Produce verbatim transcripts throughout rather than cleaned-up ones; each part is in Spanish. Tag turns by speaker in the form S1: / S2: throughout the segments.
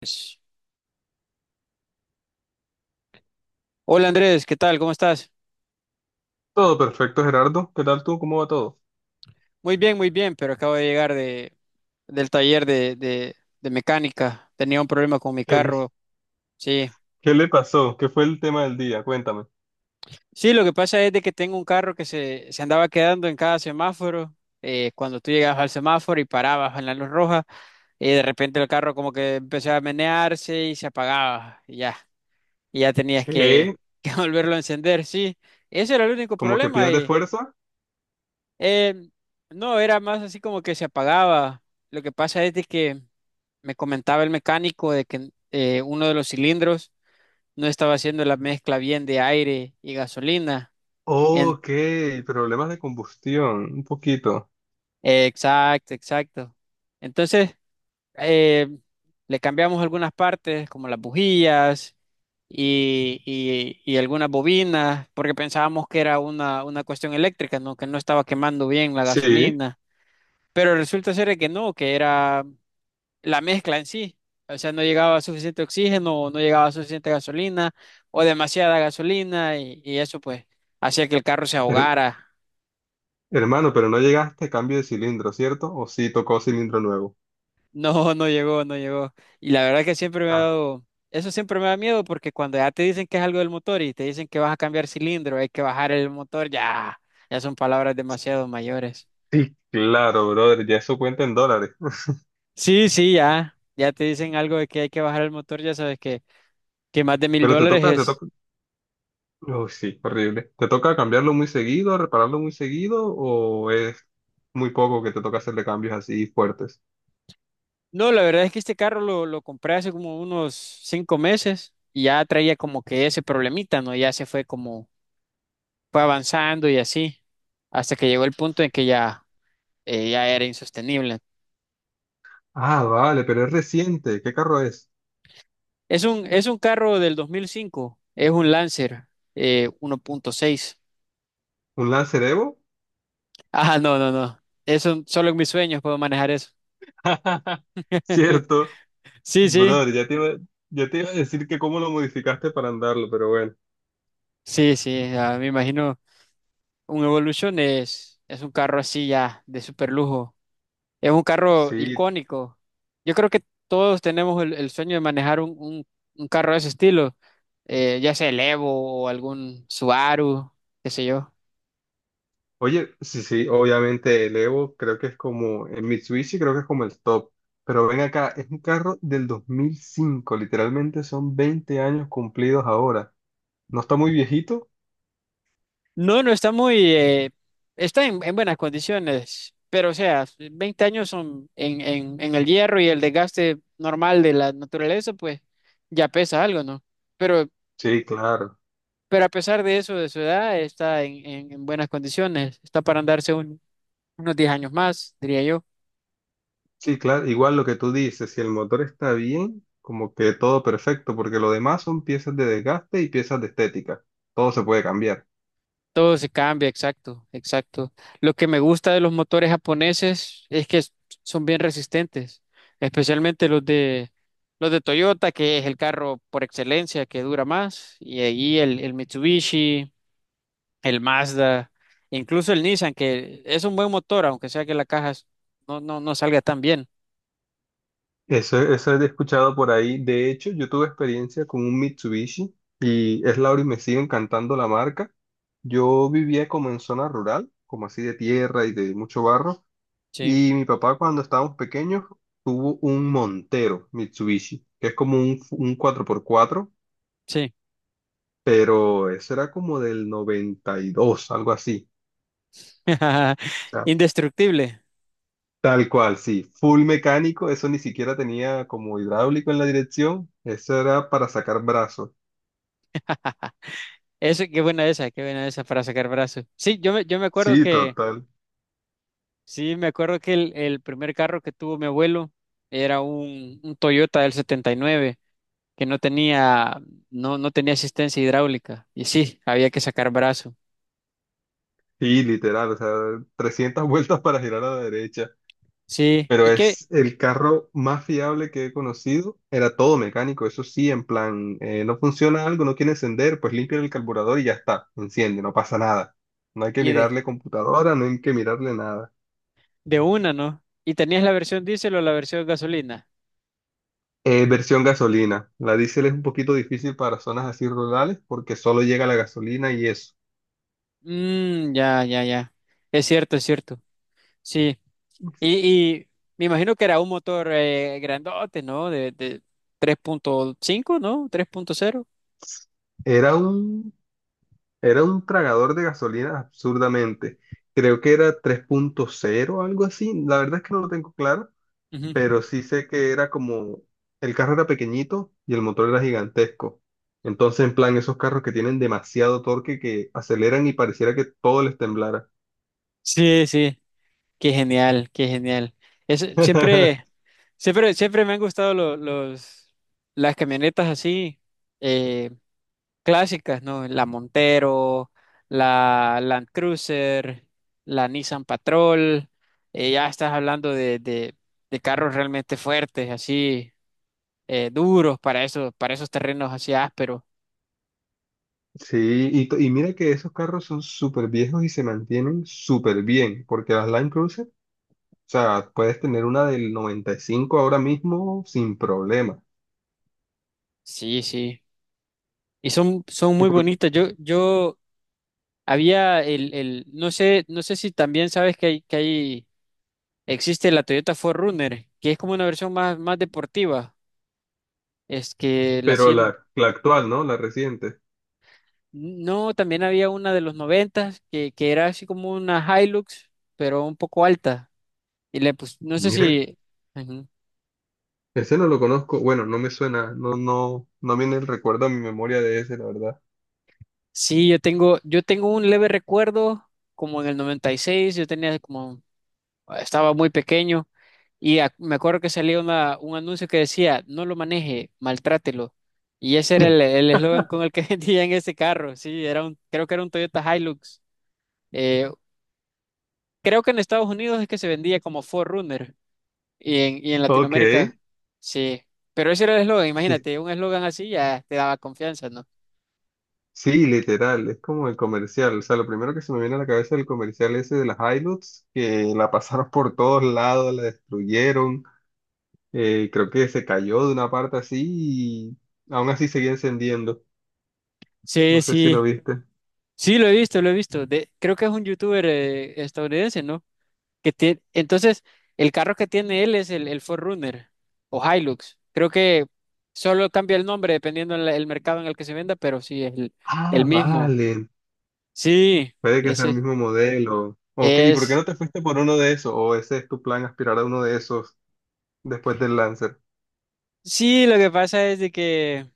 S1: Pues, Hola Andrés, ¿qué tal? ¿Cómo estás?
S2: Todo perfecto, Gerardo. ¿Qué tal tú? ¿Cómo va todo?
S1: Muy bien, muy bien, pero acabo de llegar de, del taller de, de- de mecánica. Tenía un problema con mi
S2: ¿Qué,
S1: carro. Sí,
S2: qué le pasó? ¿Qué fue el tema del día? Cuéntame.
S1: sí, lo que pasa es de que tengo un carro que se, se andaba quedando en cada semáforo. Eh, cuando tú llegabas al semáforo y parabas en la luz roja, y de repente el carro como que empezaba a menearse y se apagaba. Y ya, y ya tenías que,
S2: ¿Qué?
S1: que volverlo a encender. Sí, ese era el único
S2: ¿Cómo que
S1: problema.
S2: pierde fuerza?
S1: Eh, no, era más así como que se apagaba. Lo que pasa es de que me comentaba el mecánico de que eh, uno de los cilindros no estaba haciendo la mezcla bien de aire y gasolina. En-
S2: Ok, problemas de combustión, un poquito.
S1: exacto, exacto. Entonces, eh, le cambiamos algunas partes, como las bujías y, y- y algunas bobinas, porque pensábamos que era una, una cuestión eléctrica, ¿no? Que no estaba quemando bien la
S2: Sí.
S1: gasolina. Pero resulta ser de que no, que era la mezcla en sí. O sea, no llegaba suficiente oxígeno, o no llegaba suficiente gasolina, o demasiada gasolina, y, y eso pues hacía que el carro se
S2: Her-
S1: ahogara.
S2: hermano, pero no llegaste a cambio de cilindro, ¿cierto? ¿O sí tocó cilindro nuevo?
S1: No, no llegó, no llegó. Y la verdad que siempre me ha
S2: Ah,
S1: dado, eso siempre me da miedo porque cuando ya te dicen que es algo del motor y te dicen que vas a cambiar cilindro, hay que bajar el motor, ya, ya son palabras demasiado mayores.
S2: sí. Claro, brother, ya eso cuenta en dólares.
S1: Sí, sí, ya, ya te dicen algo de que hay que bajar el motor, ya sabes que, que más de mil
S2: Pero te
S1: dólares
S2: toca, te
S1: es.
S2: toca. Uy, sí, horrible. ¿Te toca cambiarlo muy seguido, repararlo muy seguido, o es muy poco que te toca hacerle cambios así fuertes?
S1: No, la verdad es que este carro lo, lo compré hace como unos cinco meses y ya traía como que ese problemita, ¿no? Ya se fue como, fue avanzando y así, hasta que llegó el punto en que ya, eh, ya era insostenible.
S2: Ah, vale, pero es reciente. ¿Qué carro es?
S1: Es un, es un carro del dos mil cinco, es un Lancer eh, uno punto seis.
S2: ¿Un Lancer Evo?
S1: Ah, no, no, no. Eso solo en mis sueños puedo manejar eso.
S2: Cierto,
S1: Sí, sí,
S2: brother, ya te iba, ya te iba a decir que cómo lo modificaste para andarlo, pero bueno,
S1: sí, sí. Ah, me imagino un Evolution es, es un carro así ya de super lujo. Es un carro
S2: sí.
S1: icónico. Yo creo que todos tenemos el, el sueño de manejar un, un- un carro de ese estilo, eh, ya sea el Evo o algún Subaru, qué sé yo.
S2: Oye, sí, sí, obviamente el Evo creo que es como el Mitsubishi, creo que es como el top, pero ven acá, es un carro del dos mil cinco. Literalmente son veinte años cumplidos ahora. ¿No está muy viejito?
S1: No, no está muy, eh, está en, en buenas condiciones, pero o sea, veinte años son en, en, en el hierro y el desgaste normal de la naturaleza, pues ya pesa algo, ¿no? Pero,
S2: Sí, claro.
S1: pero a pesar de eso, de su edad, está en, en- en buenas condiciones, está para andarse un- unos diez años más, diría yo.
S2: Sí, claro, igual lo que tú dices, si el motor está bien, como que todo perfecto, porque lo demás son piezas de desgaste y piezas de estética. Todo se puede cambiar.
S1: Todo se cambia, exacto, exacto. Lo que me gusta de los motores japoneses es que s- son bien resistentes, especialmente los de los de Toyota, que es el carro por excelencia que dura más, y ahí el, el Mitsubishi, el Mazda, incluso el Nissan, que es un buen motor, aunque sea que la caja s- no, no, no salga tan bien.
S2: Eso, eso he escuchado por ahí. De hecho, yo tuve experiencia con un Mitsubishi y es la hora y me sigue encantando la marca. Yo vivía como en zona rural, como así de tierra y de mucho barro,
S1: Sí,
S2: y mi papá cuando estábamos pequeños tuvo un Montero Mitsubishi, que es como un, un cuatro por cuatro
S1: sí.
S2: pero eso era como del noventa y dos, algo así. O sea,
S1: Indestructible.
S2: tal cual, sí. Full mecánico, eso ni siquiera tenía como hidráulico en la dirección, eso era para sacar brazos.
S1: Eso, qué buena esa, qué buena esa para sacar brazos. Sí, yo me, yo me acuerdo
S2: Sí,
S1: que
S2: total.
S1: sí, me acuerdo que el, el primer carro que tuvo mi abuelo era un, un Toyota del setenta y nueve que no tenía, no, no tenía asistencia hidráulica. Y sí, había que sacar brazo.
S2: Sí, literal, o sea, trescientas vueltas para girar a la derecha.
S1: Sí,
S2: Pero
S1: ¿y qué?
S2: es el carro más fiable que he conocido. Era todo mecánico, eso sí, en plan, eh, no funciona algo, no quiere encender, pues limpia el carburador y ya está, enciende, no pasa nada. No hay que
S1: Y de,
S2: mirarle computadora, no hay que mirarle nada.
S1: de una, ¿no? ¿Y tenías la versión diésel o la versión gasolina?
S2: Eh, versión gasolina. La diésel es un poquito difícil para zonas así rurales porque solo llega la gasolina y eso.
S1: Mmm, ya, ya, ya. Es cierto, es cierto. Sí. Y, y me imagino que era un motor eh, grandote, ¿no? De, de tres punto cinco, ¿no? tres punto cero.
S2: Era un, era un tragador de gasolina absurdamente. Creo que era tres punto cero algo así. La verdad es que no lo tengo claro,
S1: Ujú.
S2: pero sí sé que era como el carro era pequeñito y el motor era gigantesco. Entonces, en plan, esos carros que tienen demasiado torque que aceleran y pareciera que todo les temblara.
S1: Sí, sí. Qué genial, qué genial. Eso, siempre, siempre, siempre me han gustado lo- los, las camionetas así, eh, clásicas, ¿no? La Montero, la Land Cruiser, la Nissan Patrol. Eh, ya estás hablando de, de- de carros realmente fuertes, así, eh, duros para esos, para esos terrenos así ásperos.
S2: Sí, y, to- y mira que esos carros son súper viejos y se mantienen súper bien, porque las Line Cruiser, o sea, puedes tener una del noventa y cinco ahora mismo sin problema.
S1: Sí, sí. Y son, son
S2: Y
S1: muy
S2: por-
S1: bonitas. Yo, yo había el, el, no sé, no sé si también sabes que hay, que hay existe la Toyota Forerunner, que es como una versión más, más deportiva. Es que la
S2: pero
S1: cien
S2: la, la actual, ¿no? La reciente.
S1: no, también había una de los noventa que, que era así como una Hilux, pero un poco alta. Y le pues, no sé
S2: Mira,
S1: si, ujú.
S2: ese no lo conozco, bueno, no me suena, no, no, no viene el recuerdo a mi memoria de ese, la verdad.
S1: Sí, yo tengo, yo tengo un leve recuerdo, como en el noventa y seis yo tenía como estaba muy pequeño y ac- me acuerdo que salía una, un anuncio que decía, no lo maneje, maltrátelo. Y ese era el el eslogan con el que vendían ese carro, sí, era un, creo que era un Toyota Hilux. Eh, Creo que en Estados Unidos es que se vendía como four runner y en, y en
S2: Ok,
S1: Latinoamérica, sí. Pero ese era el eslogan,
S2: sí,
S1: imagínate, un eslogan así ya te daba confianza, ¿no?
S2: sí, literal, es como el comercial, o sea, lo primero que se me viene a la cabeza es el comercial ese de las Hilux, que la pasaron por todos lados, la destruyeron. Eh, creo que se cayó de una parte así y aún así seguía encendiendo.
S1: Sí,
S2: No sé si lo
S1: sí,
S2: viste.
S1: sí, lo he visto, lo he visto. De, creo que es un youtuber eh, estadounidense, ¿no? Que tiene, entonces, el carro que tiene él es el, el four runner o Hilux. Creo que solo cambia el nombre dependiendo el, el mercado en el que se venda, pero sí es el,
S2: Ah,
S1: el mismo.
S2: vale.
S1: Sí,
S2: Puede que sea el
S1: ese
S2: mismo modelo. Ok, ¿y por qué
S1: es.
S2: no te fuiste por uno de esos? ¿O ese es tu plan, aspirar a uno de esos después del Lancer?
S1: Sí, lo que pasa es de que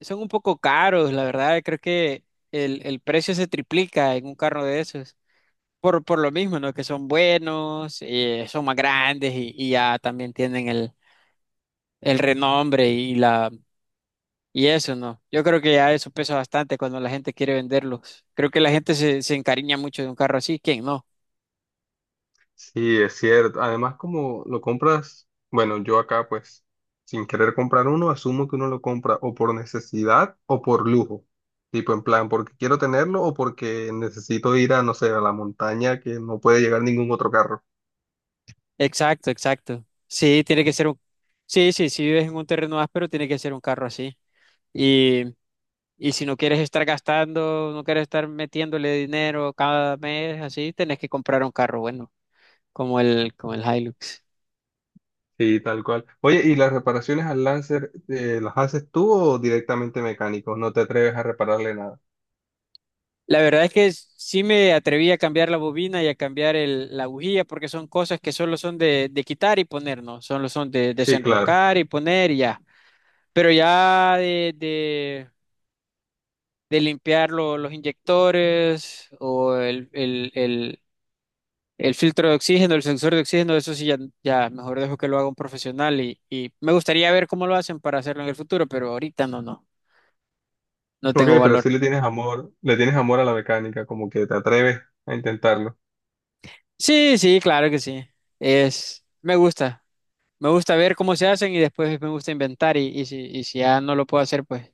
S1: son un poco caros, la verdad. Creo que el, el precio se triplica en un carro de esos. Por, por lo mismo, ¿no? Que son buenos, eh, son más grandes y, y ya también tienen el, el renombre y la, y eso no, yo creo que ya eso pesa bastante cuando la gente quiere venderlos. Creo que la gente se, se encariña mucho de un carro así, ¿quién no?
S2: Sí, es cierto. Además, como lo compras, bueno, yo acá pues sin querer comprar uno, asumo que uno lo compra o por necesidad o por lujo. Tipo en plan, porque quiero tenerlo o porque necesito ir a, no sé, a la montaña que no puede llegar ningún otro carro.
S1: Exacto, exacto. Sí, tiene que ser un... Sí, sí, si vives en un terreno áspero, tiene que ser un carro así. Y, y si no quieres estar gastando, no quieres estar metiéndole dinero cada mes, así, tenés que comprar un carro bueno, como el, como el Hilux.
S2: Sí, tal cual. Oye, ¿y las reparaciones al Lancer, eh, las haces tú o directamente mecánicos? No te atreves a repararle nada.
S1: La verdad es que s- sí me atreví a cambiar la bobina y a cambiar el- la bujía porque son cosas que solo son de, de quitar y poner, ¿no? Solo son de
S2: Sí, claro.
S1: desenroscar y poner y ya. Pero ya de, de, de limpiar lo- los inyectores o el, el, el, el filtro de oxígeno, el sensor de oxígeno, eso sí ya, ya mejor dejo que lo haga un profesional y, y me gustaría ver cómo lo hacen para hacerlo en el futuro, pero ahorita no, no, no
S2: Ok,
S1: tengo
S2: pero
S1: valor.
S2: sí le tienes amor, le tienes amor a la mecánica, como que te atreves a intentarlo.
S1: Sí, sí, claro que sí. Es, me gusta. Me gusta ver cómo se hacen y después me gusta inventar y, y si, y si ya no lo puedo hacer, pues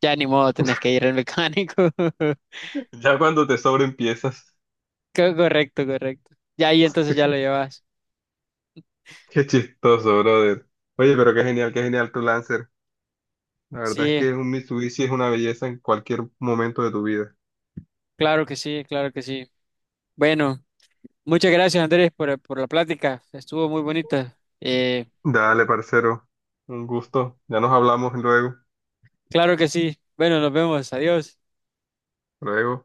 S1: ya ni modo, tenés que ir al mecánico.
S2: Ya cuando te sobren piezas.
S1: Co- Correcto, correcto. Ya ahí entonces ya lo llevas.
S2: Qué chistoso, brother. Oye, pero qué genial, qué genial tu Lancer. La verdad es
S1: Sí,
S2: que un Mitsubishi es una belleza en cualquier momento de tu vida.
S1: claro que sí, claro que sí. Bueno, muchas gracias Andrés por, por la plática. Estuvo muy bonita. Eh,
S2: Dale, parcero. Un gusto. Ya nos hablamos luego.
S1: claro que sí. Bueno, nos vemos. Adiós.
S2: Luego.